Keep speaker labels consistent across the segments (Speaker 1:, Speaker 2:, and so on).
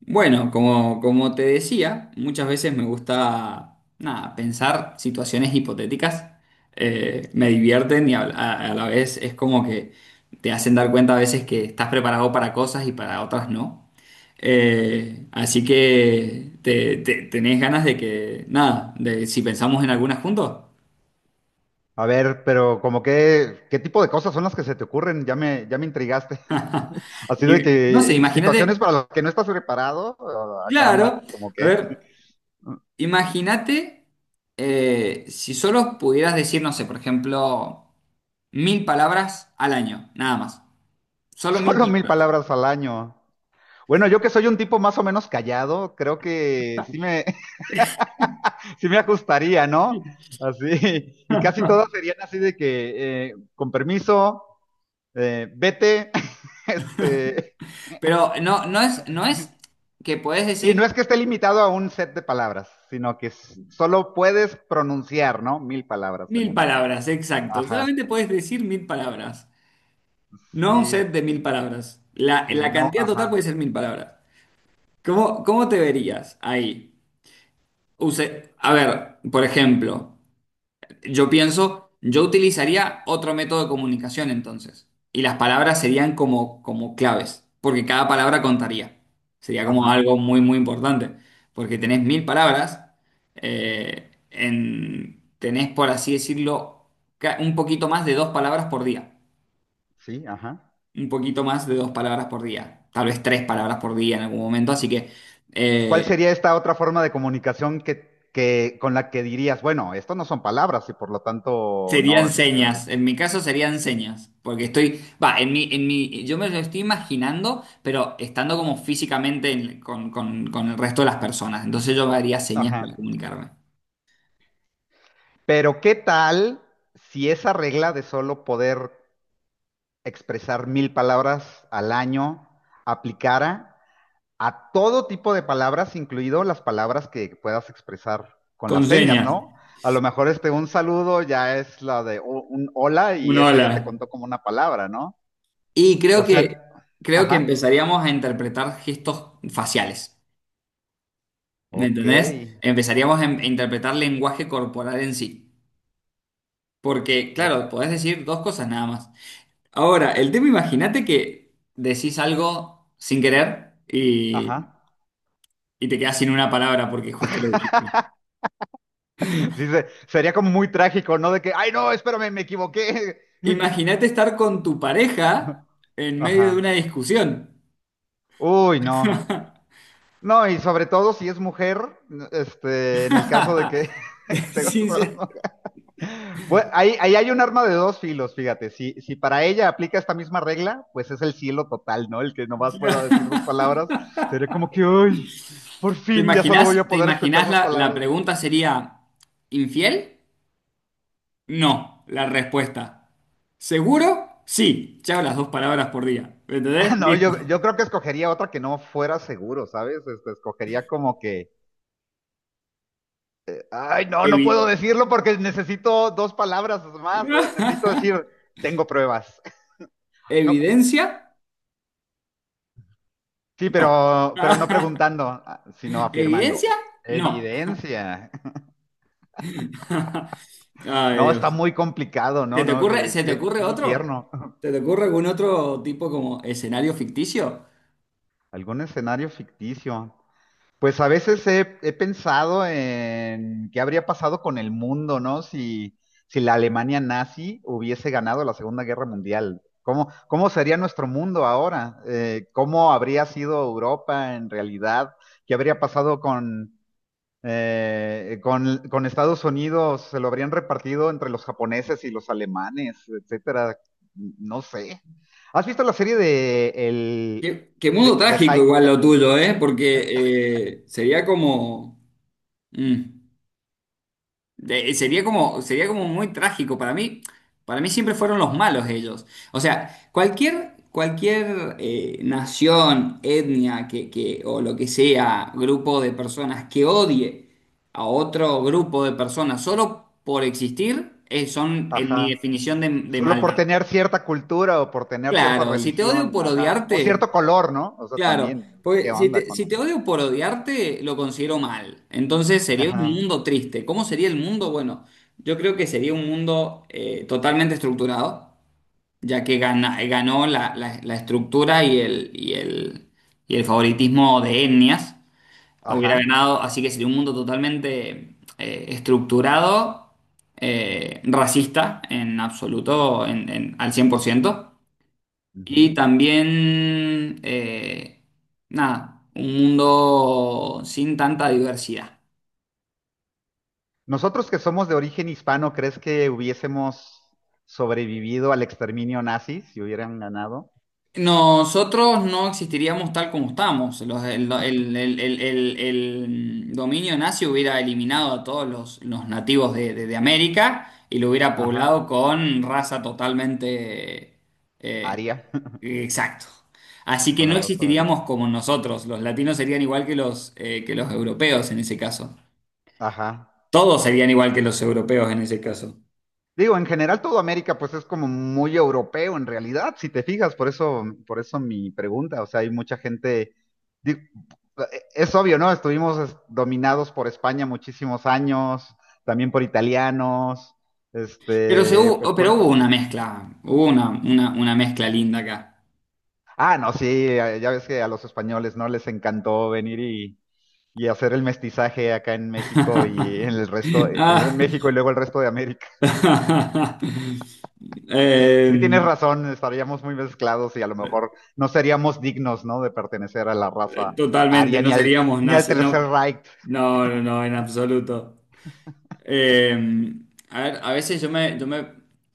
Speaker 1: Bueno, como te decía, muchas veces me gusta nada, pensar situaciones hipotéticas. Me divierten y a la vez es como que te hacen dar cuenta a veces que estás preparado para cosas y para otras no. Así que tenés ganas de que, nada, de si pensamos en algunas juntos.
Speaker 2: A ver, pero como que, ¿qué tipo de cosas son las que se te ocurren? Ya me intrigaste. Así de
Speaker 1: Y, no sé,
Speaker 2: que situaciones
Speaker 1: imagínate,
Speaker 2: para las que no estás preparado, oh, ah, caramba,
Speaker 1: claro,
Speaker 2: como
Speaker 1: a
Speaker 2: que
Speaker 1: ver. Imagínate si solo pudieras decir, no sé, por ejemplo, 1.000 palabras al año, nada más. Solo mil
Speaker 2: solo mil
Speaker 1: palabras.
Speaker 2: palabras al año. Bueno, yo que soy un tipo más o menos callado, creo que sí me ajustaría, ¿no? Así, y casi todas serían así de que, con permiso, vete, este,
Speaker 1: Pero no, no es que podés
Speaker 2: y no
Speaker 1: decir
Speaker 2: es que esté limitado a un set de palabras, sino que solo puedes pronunciar, ¿no? Mil palabras en
Speaker 1: mil
Speaker 2: un año.
Speaker 1: palabras, exacto.
Speaker 2: Ajá,
Speaker 1: Solamente podés decir 1.000 palabras. No un
Speaker 2: sí,
Speaker 1: set de 1.000 palabras. La,
Speaker 2: sí,
Speaker 1: la
Speaker 2: no,
Speaker 1: cantidad total
Speaker 2: ajá,
Speaker 1: puede ser 1.000 palabras. ¿Cómo te verías ahí? A ver, por ejemplo. Yo pienso, yo utilizaría otro método de comunicación entonces. Y las palabras serían como, como claves, porque cada palabra contaría. Sería como algo
Speaker 2: ajá,
Speaker 1: muy, muy importante. Porque tenés 1.000 palabras, tenés, por así decirlo, un poquito más de dos palabras por día.
Speaker 2: sí, ajá.
Speaker 1: Un poquito más de dos palabras por día. Tal vez tres palabras por día en algún momento. Así que
Speaker 2: ¿Cuál
Speaker 1: eh,
Speaker 2: sería esta otra forma de comunicación que con la que dirías, bueno, esto no son palabras y por lo tanto no
Speaker 1: Serían
Speaker 2: es,
Speaker 1: señas, en mi caso serían señas, porque estoy, va, en mi, yo me lo estoy imaginando, pero estando como físicamente con el resto de las personas, entonces yo haría señas para
Speaker 2: ajá.
Speaker 1: comunicarme.
Speaker 2: Pero ¿qué tal si esa regla de solo poder expresar 1000 palabras al año aplicara a todo tipo de palabras, incluido las palabras que puedas expresar con
Speaker 1: Con
Speaker 2: las señas,
Speaker 1: señas,
Speaker 2: ¿no? A lo mejor este un saludo ya es la de un hola y
Speaker 1: un
Speaker 2: esa ya te
Speaker 1: hola.
Speaker 2: contó como una palabra, ¿no?
Speaker 1: Y creo
Speaker 2: O
Speaker 1: que,
Speaker 2: sea,
Speaker 1: creo que
Speaker 2: ajá,
Speaker 1: empezaríamos a interpretar gestos faciales, ¿me
Speaker 2: ok,
Speaker 1: entendés? Empezaríamos a interpretar lenguaje corporal en sí, porque claro,
Speaker 2: o-
Speaker 1: podés decir dos cosas nada más. Ahora, el tema, imagínate que decís algo sin querer
Speaker 2: ajá.
Speaker 1: y te quedás sin una palabra porque justo lo dijiste.
Speaker 2: Sí, sería como muy trágico, ¿no? De que, ay, no, espérame, me equivoqué.
Speaker 1: Imagínate estar con tu pareja en medio de una
Speaker 2: Ajá.
Speaker 1: discusión.
Speaker 2: Uy, no. No, y sobre todo si es mujer, este, en el caso de que te
Speaker 1: Sin
Speaker 2: gusta
Speaker 1: ser-
Speaker 2: la. Pues ahí, ahí hay un arma de dos filos, fíjate. Si, si para ella aplica esta misma regla, pues es el cielo total, ¿no? El que nomás pueda decir 2 palabras, sería como que, uy, por
Speaker 1: ¿Te
Speaker 2: fin ya solo voy a
Speaker 1: imaginás, te
Speaker 2: poder escuchar
Speaker 1: imaginás
Speaker 2: dos
Speaker 1: la
Speaker 2: palabras de...
Speaker 1: pregunta sería, ¿infiel? No, la respuesta. ¿Seguro? Sí. Chao, las dos palabras por día. ¿Me
Speaker 2: Ah,
Speaker 1: entendés?
Speaker 2: no, yo,
Speaker 1: Listo.
Speaker 2: yo creo que escogería otra que no fuera seguro, ¿sabes? Este, escogería como que, ay, no, no puedo
Speaker 1: Evi-
Speaker 2: decirlo porque necesito 2 palabras más, necesito decir, tengo pruebas. No,
Speaker 1: ¿Evidencia?
Speaker 2: sí, pero no preguntando, ah, sino afirmando.
Speaker 1: ¿Evidencia? No.
Speaker 2: Evidencia.
Speaker 1: Ay,
Speaker 2: No, está
Speaker 1: Dios.
Speaker 2: muy complicado,
Speaker 1: ¿Se
Speaker 2: no,
Speaker 1: te
Speaker 2: no,
Speaker 1: ocurre,
Speaker 2: qué,
Speaker 1: se te
Speaker 2: qué
Speaker 1: ocurre otro?
Speaker 2: infierno.
Speaker 1: ¿Se te ocurre algún otro tipo como escenario ficticio?
Speaker 2: ¿Algún escenario ficticio? Pues a veces he pensado en qué habría pasado con el mundo, ¿no? Si, si la Alemania nazi hubiese ganado la Segunda Guerra Mundial. ¿Cómo, cómo sería nuestro mundo ahora? ¿Cómo habría sido Europa en realidad? ¿Qué habría pasado con, con Estados Unidos se lo habrían repartido entre los japoneses y los alemanes, etcétera. No sé. ¿Has visto la serie de el
Speaker 1: Qué mundo
Speaker 2: de
Speaker 1: trágico
Speaker 2: High?
Speaker 1: igual lo tuyo, ¿eh? Porque sería como. Mm. Sería como muy trágico. Para mí siempre fueron los malos ellos. O sea, cualquier nación, etnia o lo que sea, grupo de personas que odie a otro grupo de personas solo por existir, son en mi
Speaker 2: Ajá.
Speaker 1: definición de
Speaker 2: Solo por
Speaker 1: maldad.
Speaker 2: tener cierta cultura o por tener cierta
Speaker 1: Claro, si te odio
Speaker 2: religión,
Speaker 1: por
Speaker 2: ajá. O
Speaker 1: odiarte,
Speaker 2: cierto color, ¿no? O sea,
Speaker 1: claro,
Speaker 2: también, ¿qué
Speaker 1: porque si
Speaker 2: onda
Speaker 1: te, si
Speaker 2: con?
Speaker 1: te odio por odiarte, lo considero mal. Entonces sería un
Speaker 2: Ajá.
Speaker 1: mundo triste. ¿Cómo sería el mundo? Bueno, yo creo que sería un mundo totalmente estructurado, ya que ganó la estructura y el favoritismo de etnias. Hubiera
Speaker 2: Ajá.
Speaker 1: ganado, así que sería un mundo totalmente estructurado, racista en absoluto, al 100%. Y
Speaker 2: Ujú.
Speaker 1: también, nada, un mundo sin tanta diversidad.
Speaker 2: Nosotros que somos de origen hispano, ¿crees que hubiésemos sobrevivido al exterminio nazi si hubieran ganado?
Speaker 1: Nosotros no existiríamos tal como estamos. El dominio nazi hubiera eliminado a todos los nativos de América y lo hubiera
Speaker 2: Ajá.
Speaker 1: poblado con raza totalmente. eh,
Speaker 2: Aria,
Speaker 1: exacto. Así que
Speaker 2: con la
Speaker 1: no
Speaker 2: raza aria.
Speaker 1: existiríamos como nosotros. Los latinos serían igual que los europeos en ese caso.
Speaker 2: Ajá.
Speaker 1: Todos serían igual que los europeos en ese caso.
Speaker 2: Digo, en general todo América pues es como muy europeo en realidad, si te fijas, por eso mi pregunta, o sea, hay mucha gente, digo, es obvio, ¿no? Estuvimos dominados por España muchísimos años, también por italianos,
Speaker 1: Pero, se
Speaker 2: este,
Speaker 1: hubo,
Speaker 2: pues
Speaker 1: oh, pero
Speaker 2: por...
Speaker 1: hubo una mezcla, hubo una mezcla linda acá.
Speaker 2: Ah, no, sí, ya ves que a los españoles, ¿no? Les encantó venir y hacer el mestizaje acá en México y en el resto, primero en
Speaker 1: Ah.
Speaker 2: México y luego el resto de. Sí,
Speaker 1: eh,
Speaker 2: tienes razón, estaríamos muy mezclados y a lo mejor no seríamos dignos, ¿no? De pertenecer a la raza
Speaker 1: Totalmente,
Speaker 2: aria
Speaker 1: no
Speaker 2: ni al,
Speaker 1: seríamos
Speaker 2: ni al
Speaker 1: nazis,
Speaker 2: Tercer
Speaker 1: no,
Speaker 2: Reich.
Speaker 1: no, no, en absoluto. Eh, a ver, a veces yo me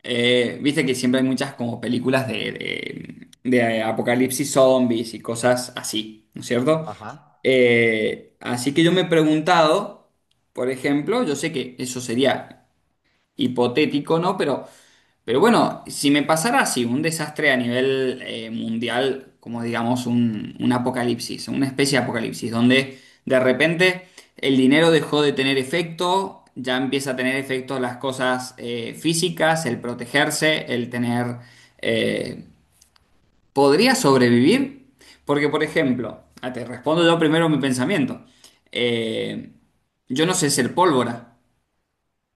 Speaker 1: viste que siempre hay muchas como películas de apocalipsis zombies y cosas así, ¿no es cierto?
Speaker 2: Ajá,
Speaker 1: Así que yo me he preguntado, por ejemplo, yo sé que eso sería hipotético, ¿no? Pero bueno, si me pasara así, un desastre a nivel mundial, como digamos un apocalipsis, una especie de apocalipsis, donde de repente el dinero dejó de tener efecto, ya empieza a tener efecto las cosas físicas, el protegerse, el tener. eh, ¿Podría sobrevivir? Porque, por ejemplo, ah, te respondo yo primero mi pensamiento. Eh, yo no sé ser pólvora.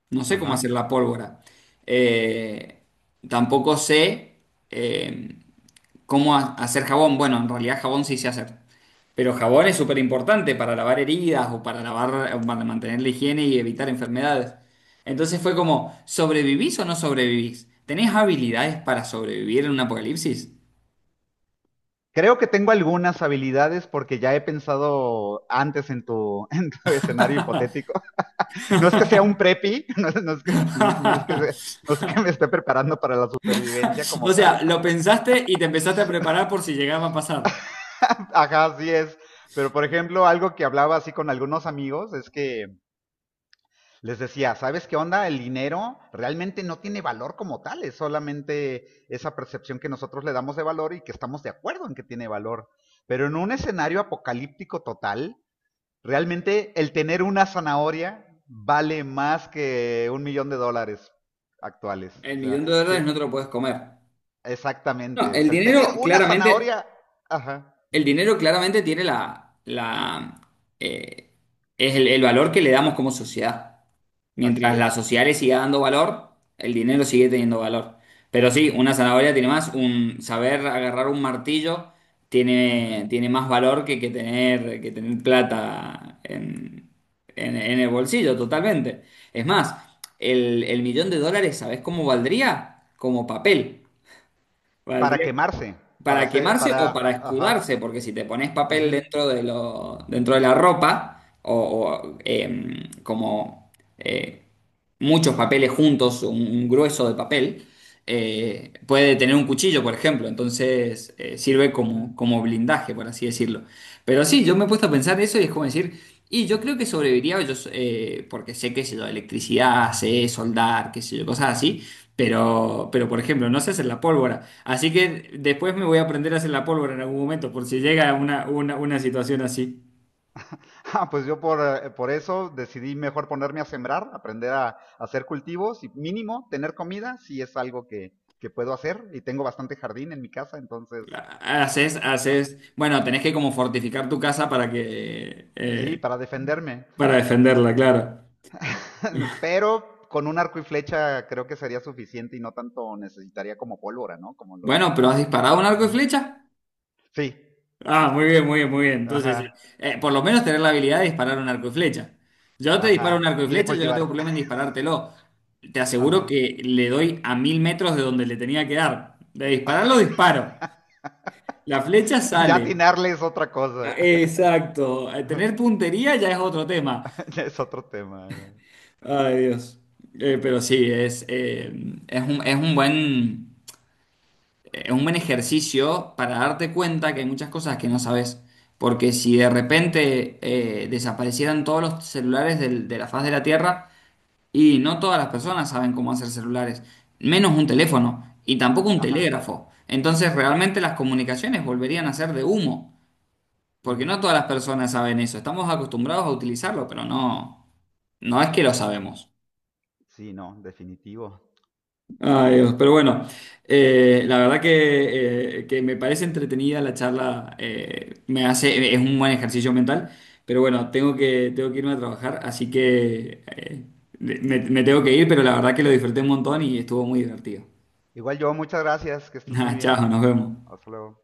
Speaker 1: No sé cómo hacer
Speaker 2: ajá.
Speaker 1: la pólvora. Eh, Tampoco sé eh, hacer jabón. Bueno, en realidad jabón sí sé hacer. Pero jabón es súper importante para lavar heridas o para lavar, o para mantener la higiene y evitar enfermedades. Entonces fue como, ¿sobrevivís o no sobrevivís? ¿Tenés habilidades para sobrevivir en un apocalipsis?
Speaker 2: Creo que tengo algunas habilidades porque ya he pensado antes en tu, en tu escenario hipotético. No es que sea un preppy, no es que, no, no es que me esté preparando para la supervivencia como
Speaker 1: O
Speaker 2: tal.
Speaker 1: sea, lo pensaste y te empezaste a preparar por si llegaba a pasar.
Speaker 2: Ajá, así es. Pero por ejemplo, algo que hablaba así con algunos amigos es que les decía, ¿sabes qué onda? El dinero realmente no tiene valor como tal, es solamente esa percepción que nosotros le damos de valor y que estamos de acuerdo en que tiene valor. Pero en un escenario apocalíptico total, realmente el tener una zanahoria vale más que $1,000,000 actuales.
Speaker 1: El
Speaker 2: O sea,
Speaker 1: millón de
Speaker 2: sí,
Speaker 1: dólares no te lo puedes comer. No,
Speaker 2: exactamente. O
Speaker 1: el
Speaker 2: sea, el tener
Speaker 1: dinero
Speaker 2: una
Speaker 1: claramente
Speaker 2: zanahoria, ajá,
Speaker 1: El dinero claramente tiene eh, el valor que le damos como sociedad.
Speaker 2: así
Speaker 1: Mientras la
Speaker 2: es.
Speaker 1: sociedad le siga dando valor, el dinero sigue teniendo valor. Pero sí, una zanahoria tiene más, un saber agarrar un martillo
Speaker 2: Ujú.
Speaker 1: tiene más valor que tener plata en el bolsillo, totalmente. Es más, el millón de dólares, ¿sabés cómo valdría? Como papel.
Speaker 2: Para
Speaker 1: Valdría.
Speaker 2: quemarse, para
Speaker 1: ¿Para
Speaker 2: hacer,
Speaker 1: quemarse o para
Speaker 2: para, ajá,
Speaker 1: escudarse? Porque si te pones papel
Speaker 2: ujú,
Speaker 1: dentro de la ropa, como eh, muchos papeles juntos, un grueso de papel, puede tener un cuchillo, por ejemplo, entonces sirve
Speaker 2: sí,
Speaker 1: como,
Speaker 2: ujú.
Speaker 1: como blindaje, por así decirlo. Pero sí, yo me he puesto a pensar eso y es como decir, y yo creo que sobreviviría, porque sé, qué sé yo, electricidad, sé soldar, qué sé yo, cosas así. Pero, por ejemplo, no sé hacer la pólvora. Así que después me voy a aprender a hacer la pólvora en algún momento, por si llega una situación así.
Speaker 2: Ah, pues yo por eso decidí mejor ponerme a sembrar, aprender a hacer cultivos y mínimo tener comida, si es algo que puedo hacer y tengo bastante jardín en mi casa, entonces ah,
Speaker 1: Bueno, tenés que como fortificar tu casa para que,
Speaker 2: sí, para defenderme.
Speaker 1: para defenderla, claro.
Speaker 2: Pero con un arco y flecha creo que sería suficiente y no tanto necesitaría como pólvora, ¿no? Como lo dice.
Speaker 1: Bueno, pero ¿has disparado un arco y
Speaker 2: Ajá.
Speaker 1: flecha?
Speaker 2: Sí,
Speaker 1: Ah, muy bien, muy bien, muy bien. Entonces,
Speaker 2: ajá,
Speaker 1: por lo menos tener la habilidad de disparar un arco y flecha. Yo te disparo un arco
Speaker 2: ajá.
Speaker 1: y
Speaker 2: Y de
Speaker 1: flecha, yo no tengo
Speaker 2: cultivar.
Speaker 1: problema en disparártelo. Te aseguro
Speaker 2: Ajá.
Speaker 1: que le doy a 1.000 metros de donde le tenía que dar. De dispararlo, disparo. La flecha
Speaker 2: Ya
Speaker 1: sale.
Speaker 2: atinarle es otra
Speaker 1: Ah,
Speaker 2: cosa.
Speaker 1: exacto. Tener puntería ya es otro tema.
Speaker 2: Ya es otro tema, güey.
Speaker 1: Ay, Dios. Pero sí, es un, es un buen, es un buen ejercicio para darte cuenta que hay muchas cosas que no sabes. Porque si de repente desaparecieran todos los celulares de la faz de la Tierra, y no todas las personas saben cómo hacer celulares, menos un teléfono y tampoco un
Speaker 2: Ajá.
Speaker 1: telégrafo. Entonces realmente las comunicaciones volverían a ser de humo, porque
Speaker 2: Ujú.
Speaker 1: no todas las personas saben eso. Estamos acostumbrados a utilizarlo, pero no, no es que lo sabemos.
Speaker 2: Sí, no, definitivo.
Speaker 1: Ay, Dios, pero bueno, la verdad que me parece entretenida la charla, es un buen ejercicio mental, pero bueno, tengo que, irme a trabajar, así que me, me tengo que ir, pero la verdad que lo disfruté un montón y estuvo muy divertido.
Speaker 2: Igual yo, muchas gracias, que estés muy
Speaker 1: Nada, chao,
Speaker 2: bien.
Speaker 1: nos vemos.
Speaker 2: Hasta luego.